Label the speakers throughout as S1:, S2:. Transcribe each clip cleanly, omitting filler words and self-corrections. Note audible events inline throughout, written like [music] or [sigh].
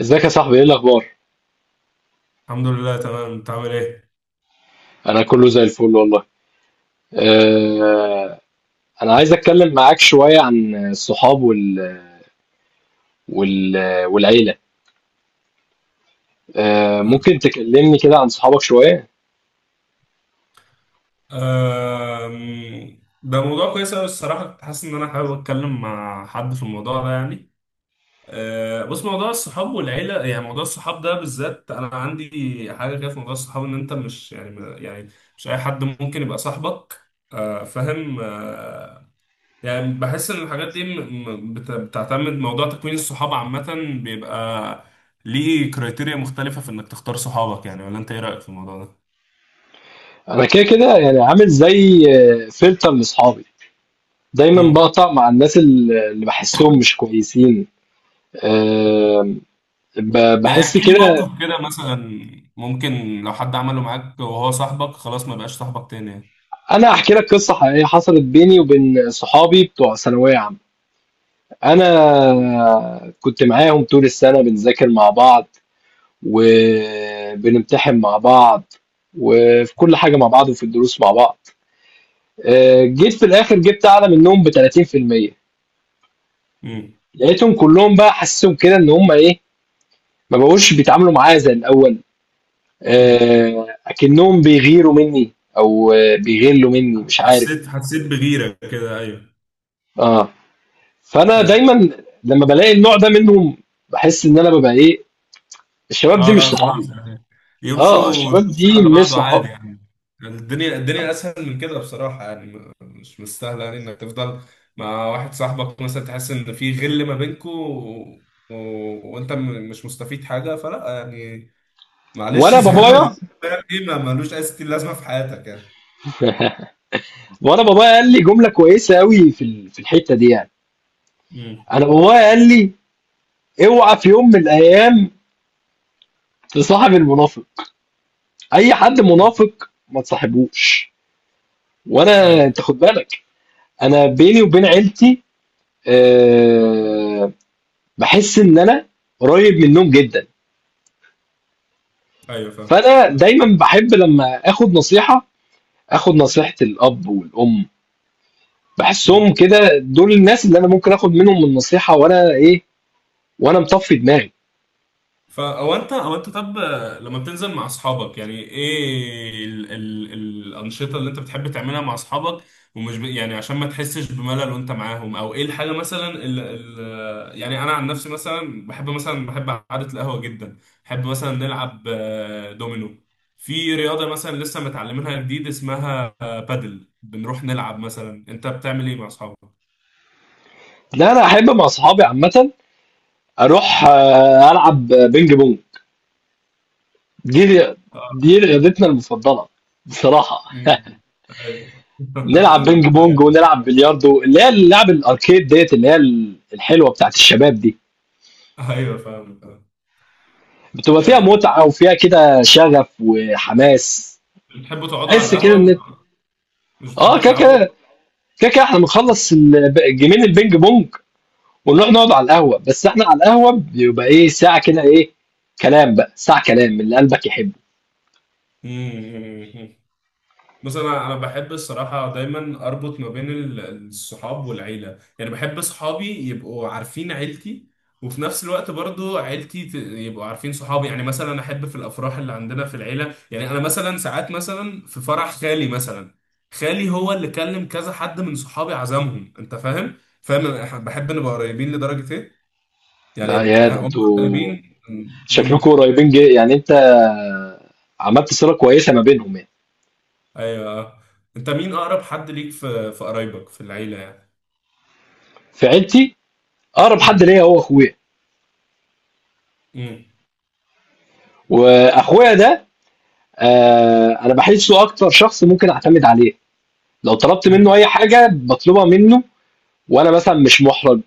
S1: ازيك يا صاحبي، ايه الاخبار؟
S2: الحمد لله، تمام. انت عامل ايه؟
S1: انا كله زي الفل والله. أه انا عايز اتكلم معاك شويه عن الصحاب وال... والعيله. ممكن تكلمني كده عن صحابك شويه؟
S2: ده موضوع كويس قوي الصراحه، كنت حاسس ان انا حابب اتكلم مع حد في الموضوع ده يعني. بص، موضوع الصحاب والعيله، يعني موضوع الصحاب ده بالذات انا عندي حاجه كده في موضوع الصحاب، ان انت مش يعني مش اي حد ممكن يبقى صاحبك. فاهم. يعني بحس ان الحاجات دي بتعتمد. موضوع تكوين الصحاب عامه بيبقى ليه كريتيريا مختلفه في انك تختار صحابك، يعني ولا انت ايه رايك في الموضوع ده؟
S1: انا كده كده يعني عامل زي فلتر لاصحابي. دايما بقطع مع الناس اللي بحسهم مش كويسين.
S2: مم.
S1: أه
S2: يعني
S1: بحس
S2: احكي لي
S1: كده.
S2: موقف كده مثلا، ممكن لو حد عمله معاك وهو صاحبك خلاص ما بقاش صاحبك تاني يعني.
S1: انا احكي لك قصه حقيقيه حصلت بيني وبين صحابي بتوع ثانويه عامه. انا كنت معاهم طول السنه بنذاكر مع بعض، وبنمتحن مع بعض، وفي كل حاجة مع بعض، وفي الدروس مع بعض. جيت في الآخر جبت أعلى منهم ب 30%.
S2: امم
S1: لقيتهم كلهم بقى حاسسهم كده إن هم إيه، ما بقوش بيتعاملوا معايا زي الأول.
S2: امم
S1: أكنهم بيغيروا مني، أو بيغلوا مني، مش عارف.
S2: حسيت بغيرة كده، ايوه،
S1: آه فأنا
S2: ايوه.
S1: دايما لما بلاقي النوع ده منهم، بحس إن أنا ببقى إيه، الشباب
S2: اه
S1: دي مش
S2: لا،
S1: صحابي.
S2: خلاص يعني
S1: آه،
S2: يمشوا
S1: الشباب
S2: وتخش على
S1: دي مش
S2: بعضه
S1: صحابي.
S2: عادي يعني. يعني الدنيا اسهل من كده بصراحة، يعني مش مستاهلة، يعني انك تفضل مع واحد صاحبك مثلا تحس ان في غل ما بينكوا، و... وانت مش مستفيد حاجة، فلا يعني. معلش، [laughs]
S1: وأنا
S2: زي ما
S1: بابايا
S2: بيقول فاهم ايه، ما ملوش اي ستين لازمة في حياتك يعني.
S1: وانا بابايا قال لي جمله كويسه قوي في في الحته دي يعني.
S2: امم.
S1: انا بابايا قال لي، اوعى في يوم من الايام تصاحب المنافق، اي حد منافق ما تصاحبوش. وانا انت
S2: ايوه.
S1: خد بالك، انا بيني وبين عيلتي، أه بحس ان انا قريب منهم جدا.
S2: ايوه، فاهم.
S1: فانا دايما بحب لما اخد نصيحه، اخد نصيحه الاب والام.
S2: امم.
S1: بحسهم كده دول الناس اللي انا ممكن اخد منهم النصيحه، وانا ايه، وانا مطفي دماغي.
S2: فا او انت او انت طب لما بتنزل مع اصحابك، يعني ايه ال ال الانشطه اللي انت بتحب تعملها مع اصحابك، ومش يعني عشان ما تحسش بملل وانت معاهم، او ايه الحاجه مثلا ال ال يعني انا عن نفسي مثلا بحب، مثلا بحب قعده القهوه جدا. بحب مثلا نلعب دومينو. في رياضه مثلا لسه متعلمينها جديد، اسمها بادل، بنروح نلعب. مثلا انت بتعمل ايه مع اصحابك؟
S1: لا، انا احب مع اصحابي عامه اروح العب بينج بونج. دي دي رياضتنا المفضله بصراحه.
S2: مم.
S1: [laughs]
S2: ايوه.
S1: نلعب بينج
S2: [laughs]
S1: بونج،
S2: ايوه.
S1: ونلعب بلياردو، اللي هي اللعب الاركيد ديت، اللي هي الحلوه بتاعت الشباب دي.
S2: ايوه، فاهم، فاهم.
S1: بتبقى فيها
S2: أه.
S1: متعه وفيها كده شغف وحماس.
S2: بتحبوا تقعدوا على
S1: تحس كده
S2: القهوة،
S1: ان،
S2: مش
S1: اه،
S2: بتحبوا
S1: كده
S2: تلعبوا؟
S1: كده كده كده احنا بنخلص جيمين البينج بونج، ونروح نقعد على القهوه. بس احنا على القهوه بيبقى ايه، ساعه كده ايه، كلام بقى، ساعه كلام من اللي قلبك يحبه.
S2: مم. بص، انا بحب الصراحه دايما اربط ما بين الصحاب والعيله، يعني بحب صحابي يبقوا عارفين عيلتي، وفي نفس الوقت برضو عيلتي يبقوا عارفين صحابي. يعني مثلا احب في الافراح اللي عندنا في العيله، يعني انا مثلا ساعات مثلا في فرح خالي مثلا، خالي هو اللي كلم كذا حد من صحابي عزمهم، انت فاهم. فاهم. أنا بحب نبقى قريبين لدرجه ايه،
S1: آه
S2: يعني
S1: يا ده،
S2: هم
S1: انتوا
S2: قريبين.
S1: شكلكم
S2: امم،
S1: قريبين جي يعني، انت عملت صله كويسه ما بينهم يعني.
S2: ايوه، آه. انت مين اقرب حد ليك في قرايبك في العيله يعني؟
S1: في عيلتي، اقرب حد ليا هو اخويا.
S2: امم
S1: واخويا ده، آه، انا بحسه اكتر شخص ممكن اعتمد عليه. لو طلبت منه
S2: امم
S1: اي حاجه بطلبها منه، وانا مثلا مش محرج،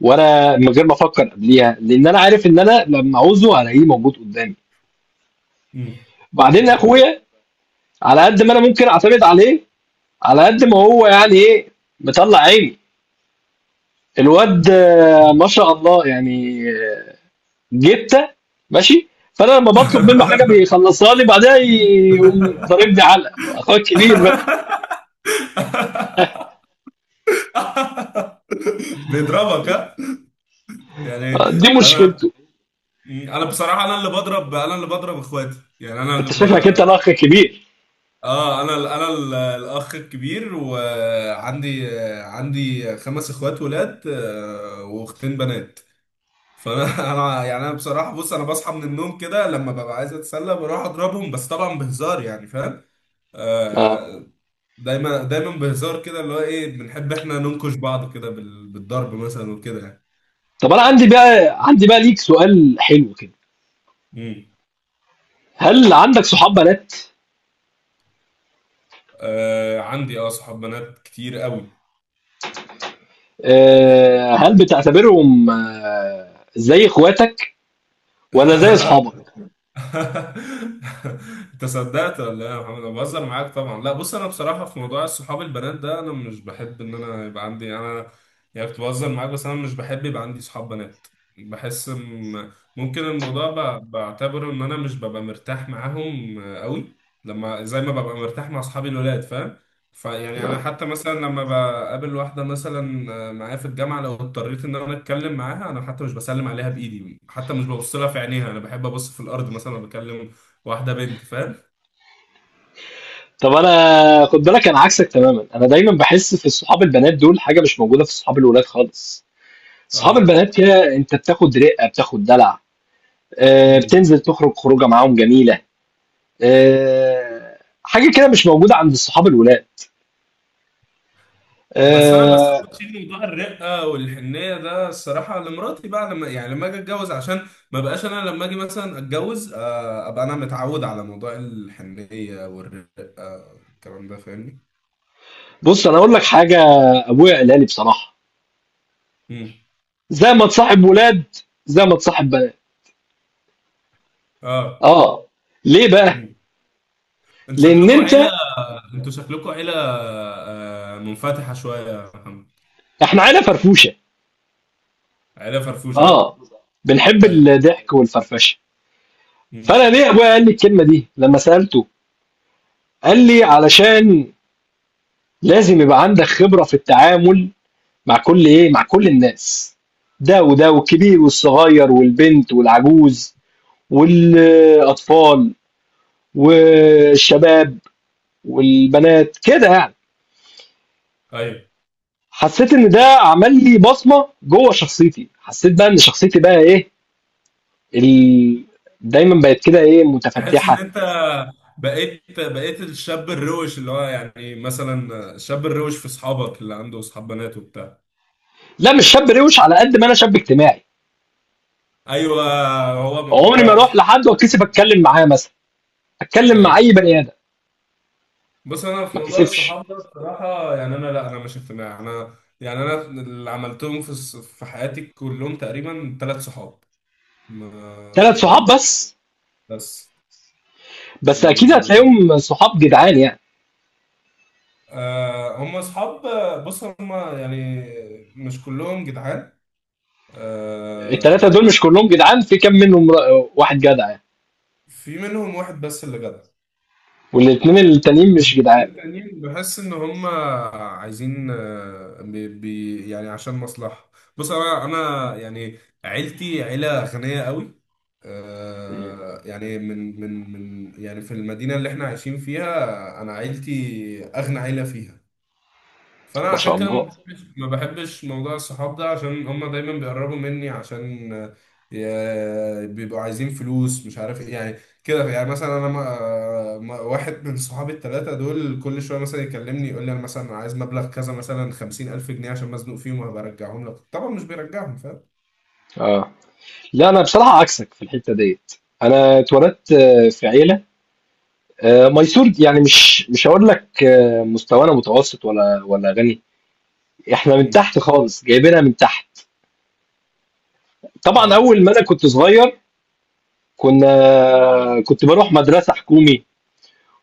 S1: وانا من غير ما افكر قبليها، لان انا عارف ان انا لما عاوزه هلاقيه موجود قدامي.
S2: امم
S1: بعدين
S2: انا فاهم.
S1: اخويا على قد ما انا ممكن اعتمد عليه، على قد ما هو يعني ايه، مطلع عيني. الواد ما شاء الله يعني، جبته ماشي. فانا لما بطلب منه حاجه
S2: [laughs]
S1: بيخلصها لي، بعدها يقوم ضاربني علقه، اخويا الكبير بقى.
S2: بيضربك، ها؟ يعني
S1: دي
S2: انا،
S1: مشكلته.
S2: بصراحه انا اللي بضرب، اخواتي، يعني
S1: انت شكلك انت الاخ الكبير.
S2: اه، انا الاخ الكبير، وعندي خمس اخوات ولاد واختين بنات. فانا [laughs] انا يعني انا بصراحه بص، انا بصحى من النوم كده لما ببقى عايز اتسلى بروح اضربهم، بس طبعا بهزار يعني، فاهم.
S1: اه.
S2: آه، دايما دايما بهزار كده، اللي هو ايه بنحب احنا ننكش بعض كده بالضرب مثلا وكده يعني.
S1: طب انا عندي بقى، عندي بقى ليك سؤال حلو كده،
S2: امم.
S1: هل عندك صحاب بنات؟
S2: آه، عندي، اه، صحاب بنات كتير قوي.
S1: آه، هل بتعتبرهم آه زي اخواتك ولا زي اصحابك؟
S2: [laughs] [laughs] انت صدقت ولا ايه يا محمد؟ انا بهزر معاك طبعا، لا. بص، انا بصراحه في موضوع الصحاب البنات ده انا مش بحب ان انا يبقى عندي، انا يعني كنت بهزر معاك، بس انا مش بحب يبقى عندي صحاب بنات. بحس إن- ممكن الموضوع بعتبره ان انا مش ببقى مرتاح معاهم قوي، لما زي ما ببقى مرتاح مع اصحابي الولاد، فاهم. فيعني انا
S1: آه.
S2: حتى مثلا لما بقابل واحده مثلا معايا في الجامعه، لو اضطريت ان انا اتكلم معاها، انا حتى مش بسلم عليها بايدي، حتى مش ببص لها في عينيها، انا بحب ابص في الارض مثلا لما بكلم واحده بنت، فاهم.
S1: طب انا خد بالك انا عكسك تماما. انا دايما بحس في الصحاب البنات دول حاجه مش موجوده في صحاب الولاد خالص. صحاب
S2: اه.
S1: البنات كده انت بتاخد رقه، بتاخد دلع،
S2: مم.
S1: بتنزل تخرج خروجة معاهم جميلة، آآ حاجة كده مش موجودة عند الصحاب الولاد.
S2: بس انا بس أنا
S1: آآ
S2: بشيل موضوع الرقه والحنيه ده الصراحه لمراتي بقى، لما يعني لما اجي اتجوز، عشان ما بقاش انا لما اجي مثلا اتجوز ابقى انا متعود على موضوع الحنيه والرقه والكلام ده، فاهمني.
S1: بُص أنا هاقول لك حاجة، أبويا قالها لي بصراحة،
S2: امم.
S1: زي ما تصاحب ولاد، زي ما تصاحب بنات.
S2: اه.
S1: آه، ليه بقى؟
S2: مم. انتوا
S1: لإن
S2: شكلكم عيلة،
S1: أنت،
S2: منفتحة شوية يا محمد.
S1: إحنا عيلة فرفوشة،
S2: عيلة فرفوشة، ها؟
S1: آه، بنحب
S2: ايوه.
S1: الضحك والفرفشة.
S2: مم.
S1: فأنا ليه أبويا قال لي الكلمة دي لمّا سألته؟ قال لي: "علشان لازم يبقى عندك خبرة في التعامل" مع كل ايه، مع كل الناس، ده وده، والكبير والصغير، والبنت والعجوز، والاطفال، والشباب، والبنات كده يعني.
S2: ايوه،
S1: حسيت ان ده عمل لي بصمه جوه شخصيتي. حسيت بقى ان شخصيتي بقى ايه، ال... دايما بقت كده ايه،
S2: تحس ان
S1: متفتحه.
S2: انت بقيت الشاب الروش، اللي هو يعني مثلا الشاب الروش في اصحابك اللي عنده اصحاب بنات وبتاع.
S1: لا مش شاب روش، على قد ما انا شاب اجتماعي.
S2: ايوه. هو من
S1: عمري ما
S2: موضوع.
S1: اروح لحد واتكسف اتكلم معاه مثلا، اتكلم مع
S2: ايوه،
S1: اي بني ادم
S2: بص انا في
S1: ما
S2: موضوع
S1: اتكسفش.
S2: الصحاب ده بصراحه يعني انا، لا انا مش اقتناع، انا يعني انا اللي عملتهم في في حياتي كلهم تقريبا ثلاث صحاب، ما
S1: ثلاث صحاب
S2: يعني،
S1: بس؟
S2: بس
S1: بس اكيد
S2: و،
S1: هتلاقيهم صحاب جدعان يعني.
S2: آه، هم اصحاب، بص هم يعني مش كلهم جدعان.
S1: الثلاثه دول
S2: آه،
S1: مش كلهم جدعان؟ في كام منهم واحد جدع يعني،
S2: في منهم واحد بس اللي جدع،
S1: والاثنين التانيين مش
S2: الاتنين
S1: جدعان؟
S2: التانيين بحس ان هم عايزين بي بي يعني عشان مصلحة. بص، انا يعني عيلتي عيلة غنية قوي، آه يعني من، يعني في المدينة اللي احنا عايشين فيها انا عيلتي اغنى عيلة فيها، فانا
S1: ما شاء
S2: عشان كده ما
S1: الله.
S2: بحبش، ما بحبش موضوع الصحاب ده عشان هما دايما بيقربوا مني، عشان بيبقوا عايزين فلوس مش عارف ايه يعني. كده يعني مثلا انا ما آه، ما- واحد من صحابي الثلاثه دول كل شويه مثلا يكلمني يقول لي، انا مثلا عايز مبلغ كذا، مثلا 50000 جنيه عشان مزنوق فيهم وهبقى ارجعهم لك، طبعا مش بيرجعهم، فاهم.
S1: اه، لا انا بصراحه عكسك في الحته ديت. انا اتولدت في عيله ميسور يعني. مش هقول لك مستوانا متوسط ولا غني، احنا من
S2: مم.
S1: تحت خالص، جايبينها من تحت. طبعا
S2: ايوه.
S1: اول ما انا كنت صغير، كنا، كنت بروح مدرسه حكومي،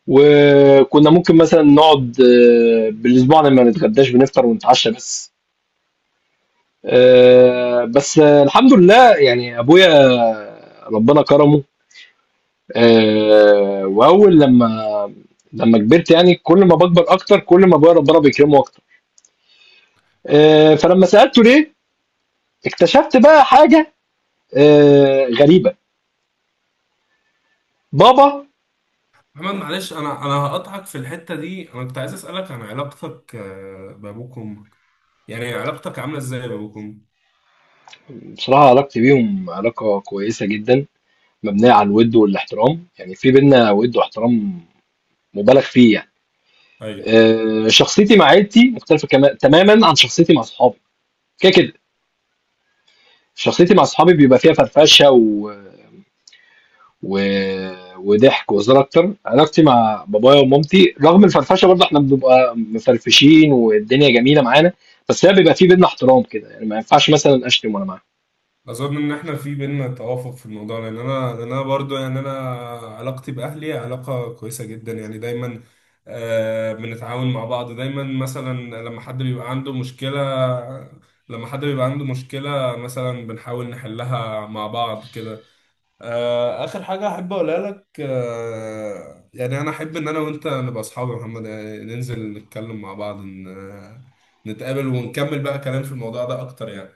S1: وكنا ممكن مثلا نقعد بالاسبوع لما نتغداش، بنفطر ونتعشى بس. بس الحمد لله يعني، ابويا ربنا كرمه. واول لما، كبرت يعني، كل ما بكبر اكتر كل ما ابويا ربنا بيكرمه اكتر. فلما سالته ليه، اكتشفت بقى حاجه غريبه. بابا.
S2: محمد، معلش، انا هقطعك في الحته دي. انا كنت عايز اسالك عن علاقتك بابوك وامك، يعني علاقتك عامله ازاي بابوك وامك؟
S1: بصراحه علاقتي بيهم علاقه كويسه جدا، مبنيه على الود والاحترام، يعني في بينا ود واحترام مبالغ فيه يعني.
S2: ايوه،
S1: شخصيتي مع عيلتي مختلفه تماما عن شخصيتي مع صحابي. كده كده شخصيتي مع اصحابي بيبقى فيها فرفشه و... وضحك وهزار اكتر. علاقتي مع بابايا ومامتي رغم الفرفشه برضه احنا بنبقى مفرفشين والدنيا جميله معانا، بس هي بيبقى في بينا احترام كده يعني، ما ينفعش مثلا اشتم وانا معاهم.
S2: اظن ان احنا في بينا توافق في الموضوع، لان انا، برضو يعني انا علاقتي باهلي علاقه كويسه جدا يعني، دايما آه بنتعاون مع بعض دايما، مثلا لما حد بيبقى عنده مشكله، مثلا بنحاول نحلها مع بعض كده. آه، اخر حاجه احب اقولها لك، آه يعني انا احب ان انا وانت نبقى اصحاب يا محمد، يعني ننزل نتكلم مع بعض، نتقابل ونكمل بقى كلام في الموضوع ده اكتر يعني.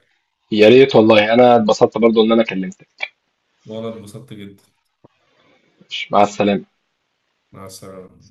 S1: يا ريت والله، انا اتبسطت برضه ان انا كلمتك.
S2: وانا اتبسطت جدا.
S1: مع السلامه.
S2: مع السلامة.